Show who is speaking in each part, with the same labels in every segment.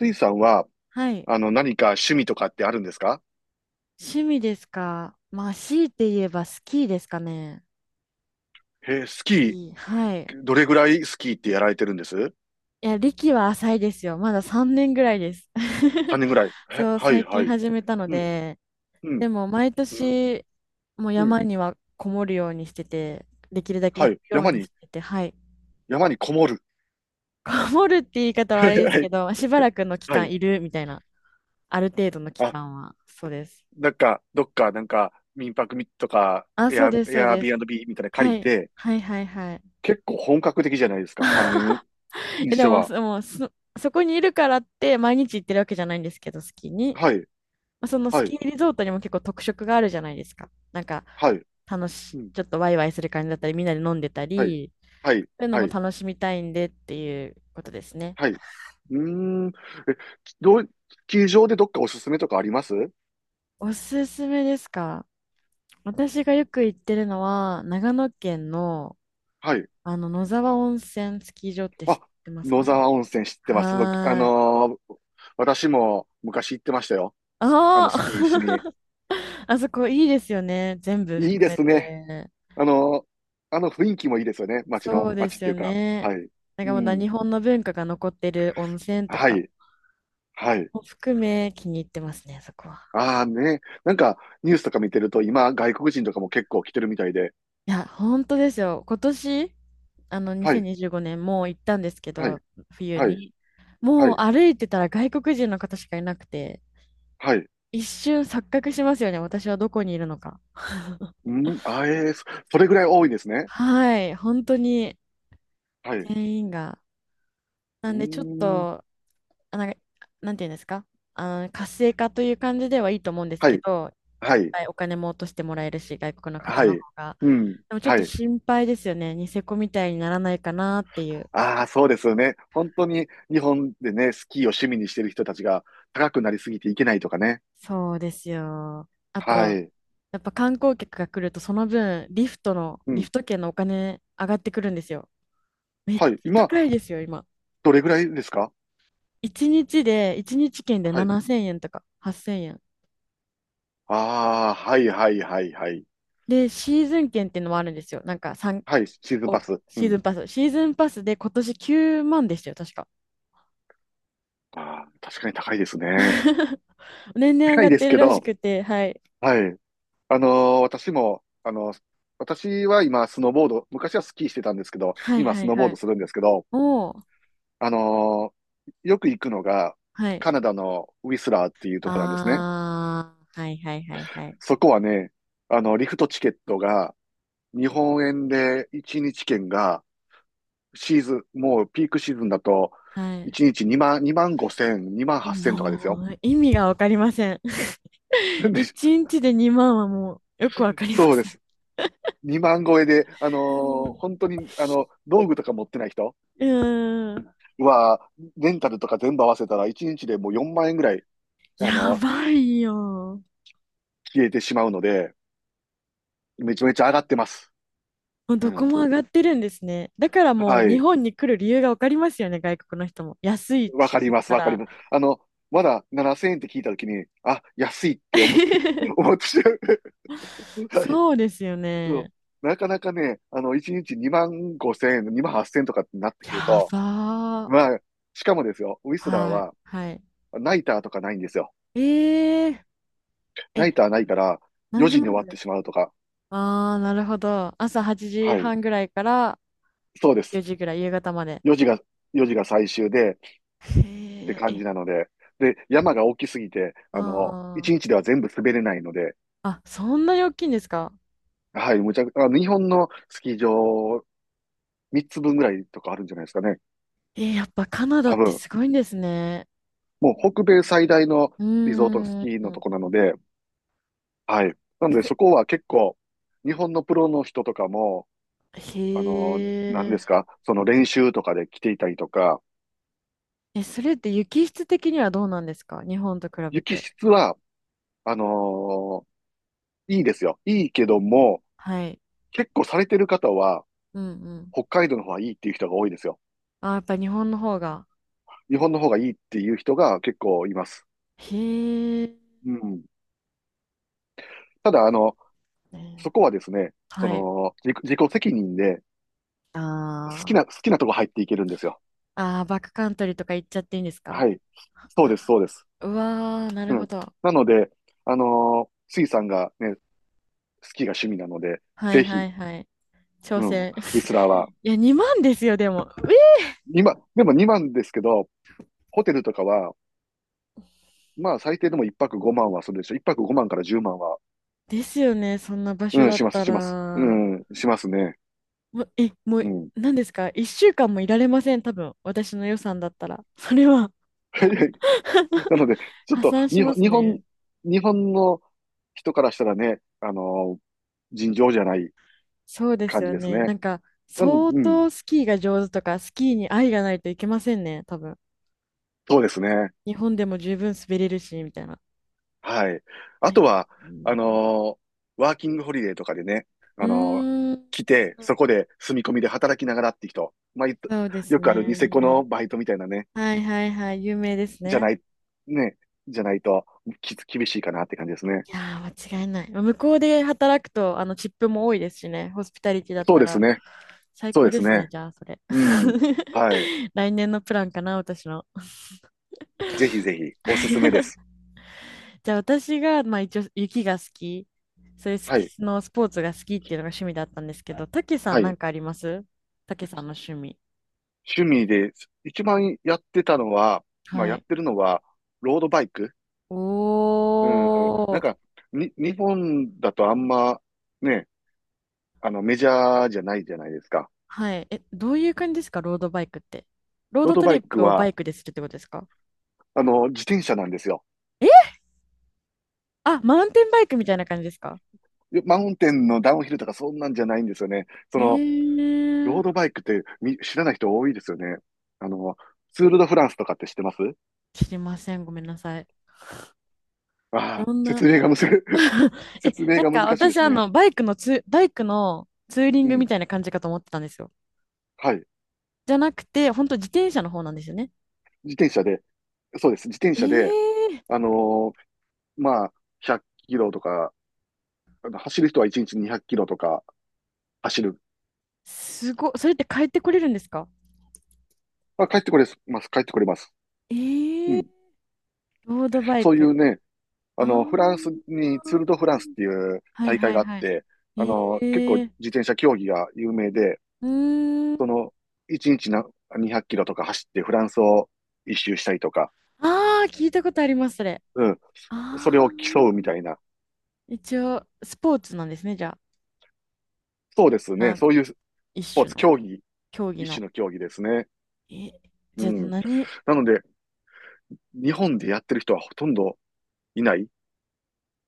Speaker 1: スイさんは、
Speaker 2: はい。
Speaker 1: 何か趣味とかってあるんですか？
Speaker 2: 趣味ですかまあ、強いて言えばスキーですかね。
Speaker 1: へえ、ス
Speaker 2: ス
Speaker 1: キ
Speaker 2: キー。はい。
Speaker 1: ー、どれぐらいスキーってやられてるんです
Speaker 2: いや、歴は浅いですよ。まだ3年ぐらいです。
Speaker 1: 3 年ぐらい。へ、
Speaker 2: そう、
Speaker 1: はい、
Speaker 2: 最
Speaker 1: は
Speaker 2: 近
Speaker 1: い。
Speaker 2: 始めたの
Speaker 1: うん、
Speaker 2: で、
Speaker 1: うん、
Speaker 2: でも毎
Speaker 1: うん、
Speaker 2: 年、もう
Speaker 1: うん。
Speaker 2: 山にはこもるようにしてて、できるだけ
Speaker 1: は
Speaker 2: 行く
Speaker 1: い。
Speaker 2: ようにしてて、はい。
Speaker 1: 山にこもる。
Speaker 2: こもるって言い 方はあれです
Speaker 1: は
Speaker 2: け
Speaker 1: い、
Speaker 2: ど、しばらくの期
Speaker 1: は
Speaker 2: 間
Speaker 1: い。
Speaker 2: いるみたいな、ある程度の期
Speaker 1: あ、
Speaker 2: 間は、そうです。
Speaker 1: なんか、どっか、なんか、民泊とか、
Speaker 2: あ、そうです、
Speaker 1: エ
Speaker 2: そう
Speaker 1: ア
Speaker 2: で
Speaker 1: ビーアン
Speaker 2: す。
Speaker 1: ドビーみたいなの借
Speaker 2: は
Speaker 1: り
Speaker 2: い。
Speaker 1: て、
Speaker 2: はいはいはい。
Speaker 1: 結構本格的じゃないですか、3 年にし
Speaker 2: で
Speaker 1: て
Speaker 2: も、
Speaker 1: は。
Speaker 2: そもうそ、そこにいるからって毎日行ってるわけじゃないんですけど、スキーに。
Speaker 1: はい、
Speaker 2: まあそのス
Speaker 1: はい、
Speaker 2: キーリゾートにも結構特色があるじゃないですか。なんか、
Speaker 1: はい。うん、
Speaker 2: ちょっとワイワイする感じだったり、みんなで飲んでた
Speaker 1: はい、
Speaker 2: り、
Speaker 1: はい、
Speaker 2: そういうの
Speaker 1: は
Speaker 2: も
Speaker 1: い。
Speaker 2: 楽しみたいんでっていうことですね。
Speaker 1: はい。うーん。え、どう、ス場でどっかおすすめとかあります
Speaker 2: おすすめですか？私がよく行ってるのは、長野県の、
Speaker 1: はい。
Speaker 2: あの、野沢温泉スキー場って知っ
Speaker 1: あ、
Speaker 2: てます
Speaker 1: 野
Speaker 2: かね？
Speaker 1: 沢温泉知ってます。僕
Speaker 2: はーい。
Speaker 1: 私も昔行ってましたよ。スあの、
Speaker 2: ああ。
Speaker 1: スキーしに。
Speaker 2: あそこいいですよね。全部
Speaker 1: いい
Speaker 2: 含
Speaker 1: で
Speaker 2: め
Speaker 1: すね。
Speaker 2: て。
Speaker 1: あのーあの雰囲気もいいですよね。
Speaker 2: そうで
Speaker 1: 街っ
Speaker 2: す
Speaker 1: て
Speaker 2: よ
Speaker 1: いうか。
Speaker 2: ね。
Speaker 1: はい。
Speaker 2: なんか
Speaker 1: う
Speaker 2: まだ
Speaker 1: ん。
Speaker 2: 日本の文化が残ってる温泉と
Speaker 1: は
Speaker 2: か
Speaker 1: い。はい。
Speaker 2: も含め気に入ってますね、そこは。
Speaker 1: ああ、ね。なんか、ニュースとか見てると、今、外国人とかも結構来てるみたいで。
Speaker 2: いや、本当ですよ。今年、あの、
Speaker 1: はい。
Speaker 2: 2025年もう行ったんですけ
Speaker 1: はい。
Speaker 2: ど、冬
Speaker 1: はい。
Speaker 2: に。
Speaker 1: は
Speaker 2: もう
Speaker 1: い。
Speaker 2: 歩いてたら外国人の方しかいなくて、
Speaker 1: はい。
Speaker 2: 一瞬錯覚しますよね、私はどこにいるのか。
Speaker 1: うん。それぐらい多いですね。
Speaker 2: はい、本当に
Speaker 1: はい。
Speaker 2: 全員が。
Speaker 1: う
Speaker 2: なんでちょっ
Speaker 1: ーん。
Speaker 2: とあ、なんか、なんていうんですか？あの、活性化という感じではいいと思うんです
Speaker 1: は
Speaker 2: け
Speaker 1: い。
Speaker 2: ど、
Speaker 1: は
Speaker 2: いっ
Speaker 1: い。
Speaker 2: ぱいお金も落としてもらえるし、外国の方
Speaker 1: は
Speaker 2: の方
Speaker 1: い。
Speaker 2: が。
Speaker 1: うん。
Speaker 2: でもちょっ
Speaker 1: は
Speaker 2: と
Speaker 1: い。
Speaker 2: 心配ですよね。ニセコみたいにならないかなっていう。
Speaker 1: ああ、そうですよね。本当に日本でね、スキーを趣味にしてる人たちが高くなりすぎていけないとかね。
Speaker 2: そうですよ。あ
Speaker 1: は
Speaker 2: と、
Speaker 1: い。
Speaker 2: やっぱ観光客が来ると、その分、
Speaker 1: う
Speaker 2: リ
Speaker 1: ん。
Speaker 2: フト券のお金上がってくるんですよ。めっち
Speaker 1: はい。
Speaker 2: ゃ
Speaker 1: 今、
Speaker 2: 高いですよ、今。
Speaker 1: どれぐらいですか？
Speaker 2: 1日で、1日券で
Speaker 1: はい。
Speaker 2: 7000円とか8000円。
Speaker 1: ああ、はい、はい、はい、はい。
Speaker 2: で、シーズン券っていうのもあるんですよ。なんかさん
Speaker 1: はい、シーズンパ
Speaker 2: お、
Speaker 1: ス。う
Speaker 2: シーズ
Speaker 1: ん。
Speaker 2: ンパス。シーズンパスで今年9万でしたよ、確か。
Speaker 1: ああ、確かに高いですね。
Speaker 2: 年々上
Speaker 1: 高
Speaker 2: が
Speaker 1: い
Speaker 2: っ
Speaker 1: で
Speaker 2: て
Speaker 1: す
Speaker 2: る
Speaker 1: け
Speaker 2: らし
Speaker 1: ど、
Speaker 2: くて、はい。
Speaker 1: はい。あの私も、私は今、スノーボード、昔はスキーしてたんですけど、
Speaker 2: はい
Speaker 1: 今、
Speaker 2: は
Speaker 1: ス
Speaker 2: い
Speaker 1: ノーボー
Speaker 2: は
Speaker 1: ド
Speaker 2: い。
Speaker 1: するんですけど、
Speaker 2: おー、
Speaker 1: あのーよく行くのが、
Speaker 2: はい。
Speaker 1: カナダのウィスラーっていうとこなんですね。
Speaker 2: あー、はいはいはいはい。
Speaker 1: そこはね、あの、リフトチケットが、日本円で1日券が、シーズン、もうピークシーズンだと、
Speaker 2: はい。
Speaker 1: 1日2万、2万5千、2万8千とかですよ。
Speaker 2: もう、意味がわかりません。
Speaker 1: で、
Speaker 2: 1日で2万はもう、よくわかりま
Speaker 1: そうで
Speaker 2: せん。
Speaker 1: す。2万超えで、本当に、あの、道具とか持ってない人
Speaker 2: うーん。
Speaker 1: は、レンタルとか全部合わせたら、1日でもう4万円ぐらい、あ
Speaker 2: や
Speaker 1: の、
Speaker 2: ばいよ。
Speaker 1: 消えてしまうので、めちゃめちゃ上がってます。
Speaker 2: もう
Speaker 1: う
Speaker 2: どこ
Speaker 1: ん。
Speaker 2: も上がってるんですね。だからもう
Speaker 1: は
Speaker 2: 日
Speaker 1: い。
Speaker 2: 本に来る理由がわかりますよね、外国の人も。安い
Speaker 1: わ
Speaker 2: し、
Speaker 1: かり
Speaker 2: そし
Speaker 1: ます、
Speaker 2: た
Speaker 1: わかり
Speaker 2: ら。
Speaker 1: ます。あの、まだ7000円って聞いたときに、あ、安いって思って、思ってしまう。はい。
Speaker 2: そうですよ
Speaker 1: そう。
Speaker 2: ね。
Speaker 1: なかなかね、あの、1日2万5千円、2万8千円とかってなってくる
Speaker 2: や
Speaker 1: と、
Speaker 2: ばー。
Speaker 1: まあ、しかもですよ、ウィスラー
Speaker 2: はい。
Speaker 1: は、
Speaker 2: はい。
Speaker 1: ナイターとかないんですよ。
Speaker 2: えー、
Speaker 1: ナ
Speaker 2: え、
Speaker 1: イターないから、
Speaker 2: 何
Speaker 1: 4
Speaker 2: 時
Speaker 1: 時に
Speaker 2: ま
Speaker 1: 終わって
Speaker 2: で？
Speaker 1: しまうとか。
Speaker 2: ああー、なるほど。朝8
Speaker 1: は
Speaker 2: 時
Speaker 1: い。
Speaker 2: 半ぐらいから
Speaker 1: そうで
Speaker 2: 4
Speaker 1: す。
Speaker 2: 時ぐらい、夕方まで。
Speaker 1: 4時が、4時が最終で、って
Speaker 2: へえ、
Speaker 1: 感
Speaker 2: え、
Speaker 1: じなので。で、山が大きすぎて、あの、
Speaker 2: あ
Speaker 1: 1日では全部滑れないので、
Speaker 2: あ。あ、そんなに大きいんですか？
Speaker 1: はい、むちゃく、あの、日本のスキー場3つ分ぐらいとかあるんじゃないですかね。
Speaker 2: えーやっぱカナダっ
Speaker 1: 多
Speaker 2: て
Speaker 1: 分。
Speaker 2: すごいんですね。
Speaker 1: もう北米最大の
Speaker 2: う
Speaker 1: リゾートス
Speaker 2: ー
Speaker 1: キーのと
Speaker 2: ん。
Speaker 1: こなので、はい。なので
Speaker 2: 逆
Speaker 1: そこは結構、日本のプロの人とかも、
Speaker 2: へ
Speaker 1: あの、何です
Speaker 2: え。
Speaker 1: か、その練習とかで来ていたりとか、
Speaker 2: え、それって雪質的にはどうなんですか？日本と比べ
Speaker 1: 雪
Speaker 2: て。
Speaker 1: 質は、あのいいですよ。いいけども、
Speaker 2: はい。
Speaker 1: 結構されてる方は、
Speaker 2: うんうん。
Speaker 1: 北海道の方がいいっていう人が多いですよ。
Speaker 2: あー、やっぱ日本の方が。
Speaker 1: 日本の方がいいっていう人が結構います。
Speaker 2: へえ。
Speaker 1: うん。ただ、あの、そ
Speaker 2: ね、
Speaker 1: こはですね、そ
Speaker 2: はい。
Speaker 1: の、自己責任で
Speaker 2: あー、
Speaker 1: 好きなとこ入っていけるんですよ。
Speaker 2: ああ、バックカントリーとか行っちゃっていいんですか？
Speaker 1: はい。そうです、そうです。
Speaker 2: うわー、なる
Speaker 1: う
Speaker 2: ほ
Speaker 1: ん。
Speaker 2: ど。
Speaker 1: なので、スイさんがね、スキーが趣味なので、
Speaker 2: はい
Speaker 1: ぜ
Speaker 2: は
Speaker 1: ひ、
Speaker 2: いはい。挑
Speaker 1: うん、ウ
Speaker 2: 戦。
Speaker 1: ィスラーは。
Speaker 2: いや、2万ですよ、でも。え、
Speaker 1: 今、でも2万ですけど、ホテルとかは、まあ最低でも1泊5万はするでしょ。1泊5万から10万は、
Speaker 2: ですよね、そんな場所
Speaker 1: うん、
Speaker 2: だっ
Speaker 1: します、
Speaker 2: た
Speaker 1: します。う
Speaker 2: ら。
Speaker 1: ん、しますね。
Speaker 2: もう、え、も
Speaker 1: う
Speaker 2: う、
Speaker 1: ん。
Speaker 2: 何ですか？ 1 週間もいられません、多分。私の予算だったら。それは。
Speaker 1: なので、ちょっ
Speaker 2: 破
Speaker 1: と、
Speaker 2: 産しますね。
Speaker 1: 日本の人からしたらね、尋常じゃない
Speaker 2: そうです
Speaker 1: 感じ
Speaker 2: よ
Speaker 1: です
Speaker 2: ね。な
Speaker 1: ね。
Speaker 2: んか、相
Speaker 1: うん、
Speaker 2: 当スキーが上手とか、スキーに愛がないといけませんね、多分。
Speaker 1: そうですね。
Speaker 2: 日本でも十分滑れるし、みたいな。
Speaker 1: はい。
Speaker 2: へ
Speaker 1: あと
Speaker 2: え、
Speaker 1: は、
Speaker 2: う
Speaker 1: あ
Speaker 2: ん、
Speaker 1: のーワーキングホリデーとかでね、
Speaker 2: う
Speaker 1: あのー
Speaker 2: ーん、
Speaker 1: 来て、そこで住み込みで働きながらって人。まあ、いっと
Speaker 2: そうです
Speaker 1: よくあるニセコの
Speaker 2: ね。
Speaker 1: バイトみたいなね、
Speaker 2: はいはいはい、有名です
Speaker 1: じゃな
Speaker 2: ね。
Speaker 1: い、ね、じゃないと、厳しいかなって感じですね。
Speaker 2: いやー、間違いない。まあ向こうで働くと、あの、チップも多いですしね、ホスピタリティだっ
Speaker 1: そう
Speaker 2: た
Speaker 1: です
Speaker 2: ら、
Speaker 1: ね。
Speaker 2: 最
Speaker 1: そう
Speaker 2: 高
Speaker 1: で
Speaker 2: で
Speaker 1: す
Speaker 2: すね、
Speaker 1: ね。
Speaker 2: じゃあ、それ。
Speaker 1: うん。はい。
Speaker 2: 来年のプランかな、私の。
Speaker 1: ぜひぜひ、おすすめで す。
Speaker 2: じゃあ、私が、まあ、一応、雪が好き、そういうス
Speaker 1: は
Speaker 2: キ
Speaker 1: い。
Speaker 2: スのスポーツが好きっていうのが趣味だったんですけど、たけさ
Speaker 1: は
Speaker 2: ん、なん
Speaker 1: い。
Speaker 2: かあります？たけさんの趣味。
Speaker 1: 趣味で、一番やってたのは、まあ、
Speaker 2: は
Speaker 1: やっ
Speaker 2: い。
Speaker 1: てるのは、ロードバイク。
Speaker 2: お
Speaker 1: うん。なんか、
Speaker 2: ー。
Speaker 1: 日本だとあんま、ね、あの、メジャーじゃないじゃないですか。
Speaker 2: はい。え、どういう感じですか、ロードバイクって。ロー
Speaker 1: ロー
Speaker 2: ド
Speaker 1: ド
Speaker 2: ト
Speaker 1: バ
Speaker 2: リッ
Speaker 1: イク
Speaker 2: プをバ
Speaker 1: は、
Speaker 2: イクでするってことですか？
Speaker 1: あの、自転車なんですよ。
Speaker 2: え、あ、マウンテンバイクみたいな感じですか？
Speaker 1: でマウンテンのダウンヒルとかそんなんじゃないんですよね。そ
Speaker 2: え
Speaker 1: の、ロ
Speaker 2: ー、
Speaker 1: ードバイクって知らない人多いですよね。あの、ツール・ド・フランスとかって知ってます
Speaker 2: 知りません。ごめんなさい。
Speaker 1: ああー、
Speaker 2: どん
Speaker 1: 説
Speaker 2: な。
Speaker 1: 明がむず、
Speaker 2: え、
Speaker 1: 説明
Speaker 2: なん
Speaker 1: が
Speaker 2: か
Speaker 1: 難しいで
Speaker 2: 私、
Speaker 1: す
Speaker 2: あ
Speaker 1: ね。
Speaker 2: の、バイクのツーリン
Speaker 1: う
Speaker 2: グみ
Speaker 1: ん。
Speaker 2: たいな感じかと思ってたんですよ。
Speaker 1: はい。
Speaker 2: じゃなくて、本当自転車の方なんですよね。
Speaker 1: 自転車で、そうです。自転
Speaker 2: え
Speaker 1: 車で、
Speaker 2: ー、
Speaker 1: あのーまあ、100キロとか、あの走る人は1日200キロとか走る。
Speaker 2: すごい。それって帰ってこれるんですか？
Speaker 1: まあ、帰ってこれます。帰ってこれます。
Speaker 2: え
Speaker 1: うん。
Speaker 2: ー、ロードバイ
Speaker 1: そうい
Speaker 2: ク。
Speaker 1: うね、あ
Speaker 2: あ
Speaker 1: の、フランス
Speaker 2: ー、
Speaker 1: にツール・ド・フランスっていう
Speaker 2: はい
Speaker 1: 大
Speaker 2: は
Speaker 1: 会
Speaker 2: い
Speaker 1: があっ
Speaker 2: はい。
Speaker 1: て、あの、結構
Speaker 2: へ
Speaker 1: 自
Speaker 2: え。
Speaker 1: 転車競技が有名で、
Speaker 2: うー
Speaker 1: そ
Speaker 2: ん。
Speaker 1: の、1日な200キロとか走ってフランスを一周したりとか、
Speaker 2: ああ、聞いたことあります、それ。
Speaker 1: うん、それ
Speaker 2: ああ。
Speaker 1: を競うみたいな。
Speaker 2: 一応、スポーツなんですね、じゃあ。
Speaker 1: そうです
Speaker 2: な
Speaker 1: ね。
Speaker 2: ん、
Speaker 1: そういうス
Speaker 2: 一
Speaker 1: ポー
Speaker 2: 種
Speaker 1: ツ、
Speaker 2: の、
Speaker 1: 競技、
Speaker 2: 競技
Speaker 1: 一
Speaker 2: の。
Speaker 1: 種の競技ですね。
Speaker 2: え、
Speaker 1: う
Speaker 2: じゃあ
Speaker 1: ん。
Speaker 2: 何？
Speaker 1: なので、日本でやってる人はほとんどいない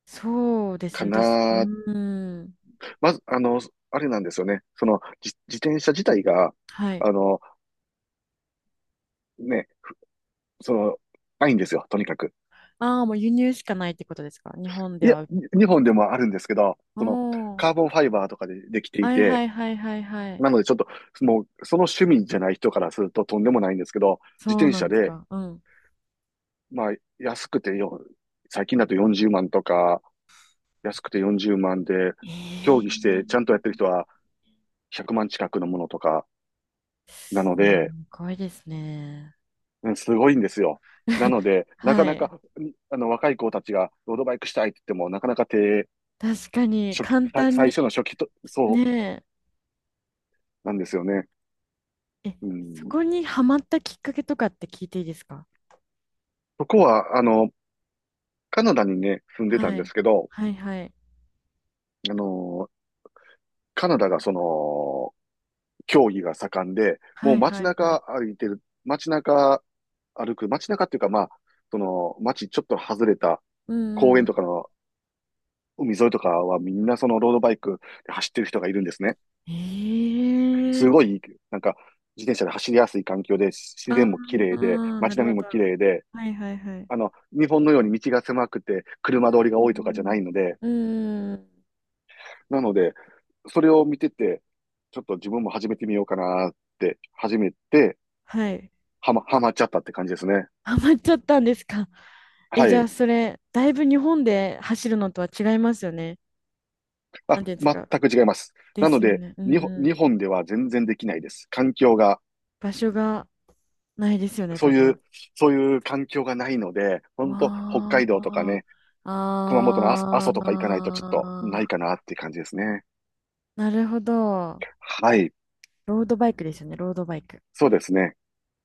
Speaker 2: そうです
Speaker 1: か
Speaker 2: ね、私、う
Speaker 1: な。
Speaker 2: ーん。
Speaker 1: まず、あの、あれなんですよね。その、自転車自体が、
Speaker 2: はい。
Speaker 1: あの、ね、その、ないんですよ、とにかく。
Speaker 2: ああ、もう輸入しかないってことですか、日本
Speaker 1: い
Speaker 2: で
Speaker 1: や、
Speaker 2: は。
Speaker 1: 日本でもあるんですけど、
Speaker 2: お
Speaker 1: その、
Speaker 2: お。
Speaker 1: カーボンファイバーとかでできてい
Speaker 2: はいは
Speaker 1: て、
Speaker 2: いはいはいはい。
Speaker 1: なのでちょっと、もう、その趣味じゃない人からするととんでもないんですけど、自
Speaker 2: そう
Speaker 1: 転
Speaker 2: なん
Speaker 1: 車
Speaker 2: です
Speaker 1: で、
Speaker 2: か。うん。
Speaker 1: まあ、安くてよ、最近だと40万とか、安くて40万で、競
Speaker 2: え
Speaker 1: 技してちゃん
Speaker 2: え。
Speaker 1: とやってる人は100万近くのものとか、な
Speaker 2: す
Speaker 1: ので、
Speaker 2: ごいですね。
Speaker 1: うん、すごいんですよ。なの で、なか
Speaker 2: は
Speaker 1: な
Speaker 2: い。
Speaker 1: か、あの、若い子たちがロードバイクしたいって言っても、なかなか手、
Speaker 2: 確かに、
Speaker 1: 初期、
Speaker 2: 簡
Speaker 1: さ
Speaker 2: 単
Speaker 1: 最
Speaker 2: に。
Speaker 1: 初の初期と、そ
Speaker 2: ね
Speaker 1: うなんですよね。
Speaker 2: え。え、
Speaker 1: う
Speaker 2: そ
Speaker 1: ん。
Speaker 2: こにハマったきっかけとかって聞いていいですか？
Speaker 1: そこは、あの、カナダにね、住んでたん
Speaker 2: は
Speaker 1: で
Speaker 2: い。
Speaker 1: すけど、
Speaker 2: はいはい。
Speaker 1: あの、カナダがその、競技が盛んで、も
Speaker 2: は
Speaker 1: う
Speaker 2: い
Speaker 1: 街
Speaker 2: はいは
Speaker 1: 中
Speaker 2: い。
Speaker 1: 歩いてる、街中歩く、街中っていうかまあ、その、街ちょっと外れた
Speaker 2: うんうん
Speaker 1: 公園
Speaker 2: う
Speaker 1: とか
Speaker 2: ん。
Speaker 1: の海沿いとかはみんなそのロードバイクで走ってる人がいるんですね。
Speaker 2: え
Speaker 1: すご
Speaker 2: え、
Speaker 1: い、なんか、自転車で走りやすい環境で、自
Speaker 2: あ
Speaker 1: 然も綺麗で、
Speaker 2: あー、な
Speaker 1: 街
Speaker 2: る
Speaker 1: 並
Speaker 2: ほ
Speaker 1: みも
Speaker 2: ど。
Speaker 1: 綺麗で、
Speaker 2: はいはいはい。
Speaker 1: あの、日本のように道が狭くて、車通りが
Speaker 2: う
Speaker 1: 多いとかじゃな
Speaker 2: ん
Speaker 1: いので、
Speaker 2: うん。うーん。
Speaker 1: なので、それを見てて、ちょっと自分も始めてみようかなって始めて、
Speaker 2: はい。
Speaker 1: はまっちゃったって感じですね。
Speaker 2: ハマっちゃったんですか。え、
Speaker 1: は
Speaker 2: じゃ
Speaker 1: い。
Speaker 2: あそれ、だいぶ日本で走るのとは違いますよね。な
Speaker 1: あ、
Speaker 2: んていうんですか。
Speaker 1: 全く違います。
Speaker 2: で
Speaker 1: なの
Speaker 2: すよ
Speaker 1: で、
Speaker 2: ね。うんう
Speaker 1: 日
Speaker 2: ん。
Speaker 1: 本では全然できないです。環境が、
Speaker 2: 場所がないですよね、
Speaker 1: そ
Speaker 2: 多
Speaker 1: うい
Speaker 2: 分。
Speaker 1: う、そういう環境がないので、本当北海道とか
Speaker 2: わ
Speaker 1: ね、熊本の阿
Speaker 2: あ、
Speaker 1: 蘇とか行かないとちょっとな
Speaker 2: あ
Speaker 1: い
Speaker 2: あ、
Speaker 1: かなっていう感じですね。
Speaker 2: なるほど。
Speaker 1: はい。
Speaker 2: ロードバイクですよね、ロードバイク。
Speaker 1: そうですね。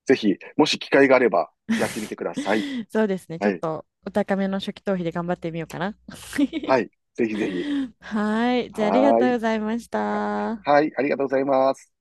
Speaker 1: ぜひ、もし機会があれば、やってみてください。
Speaker 2: そうですね、ちょ
Speaker 1: は
Speaker 2: っ
Speaker 1: い。
Speaker 2: とお高めの初期投資で頑張ってみようかな。
Speaker 1: は い。ぜひぜひ。
Speaker 2: はい、じゃあありが
Speaker 1: はー
Speaker 2: とうご
Speaker 1: い。
Speaker 2: ざいました。
Speaker 1: はい。ありがとうございます。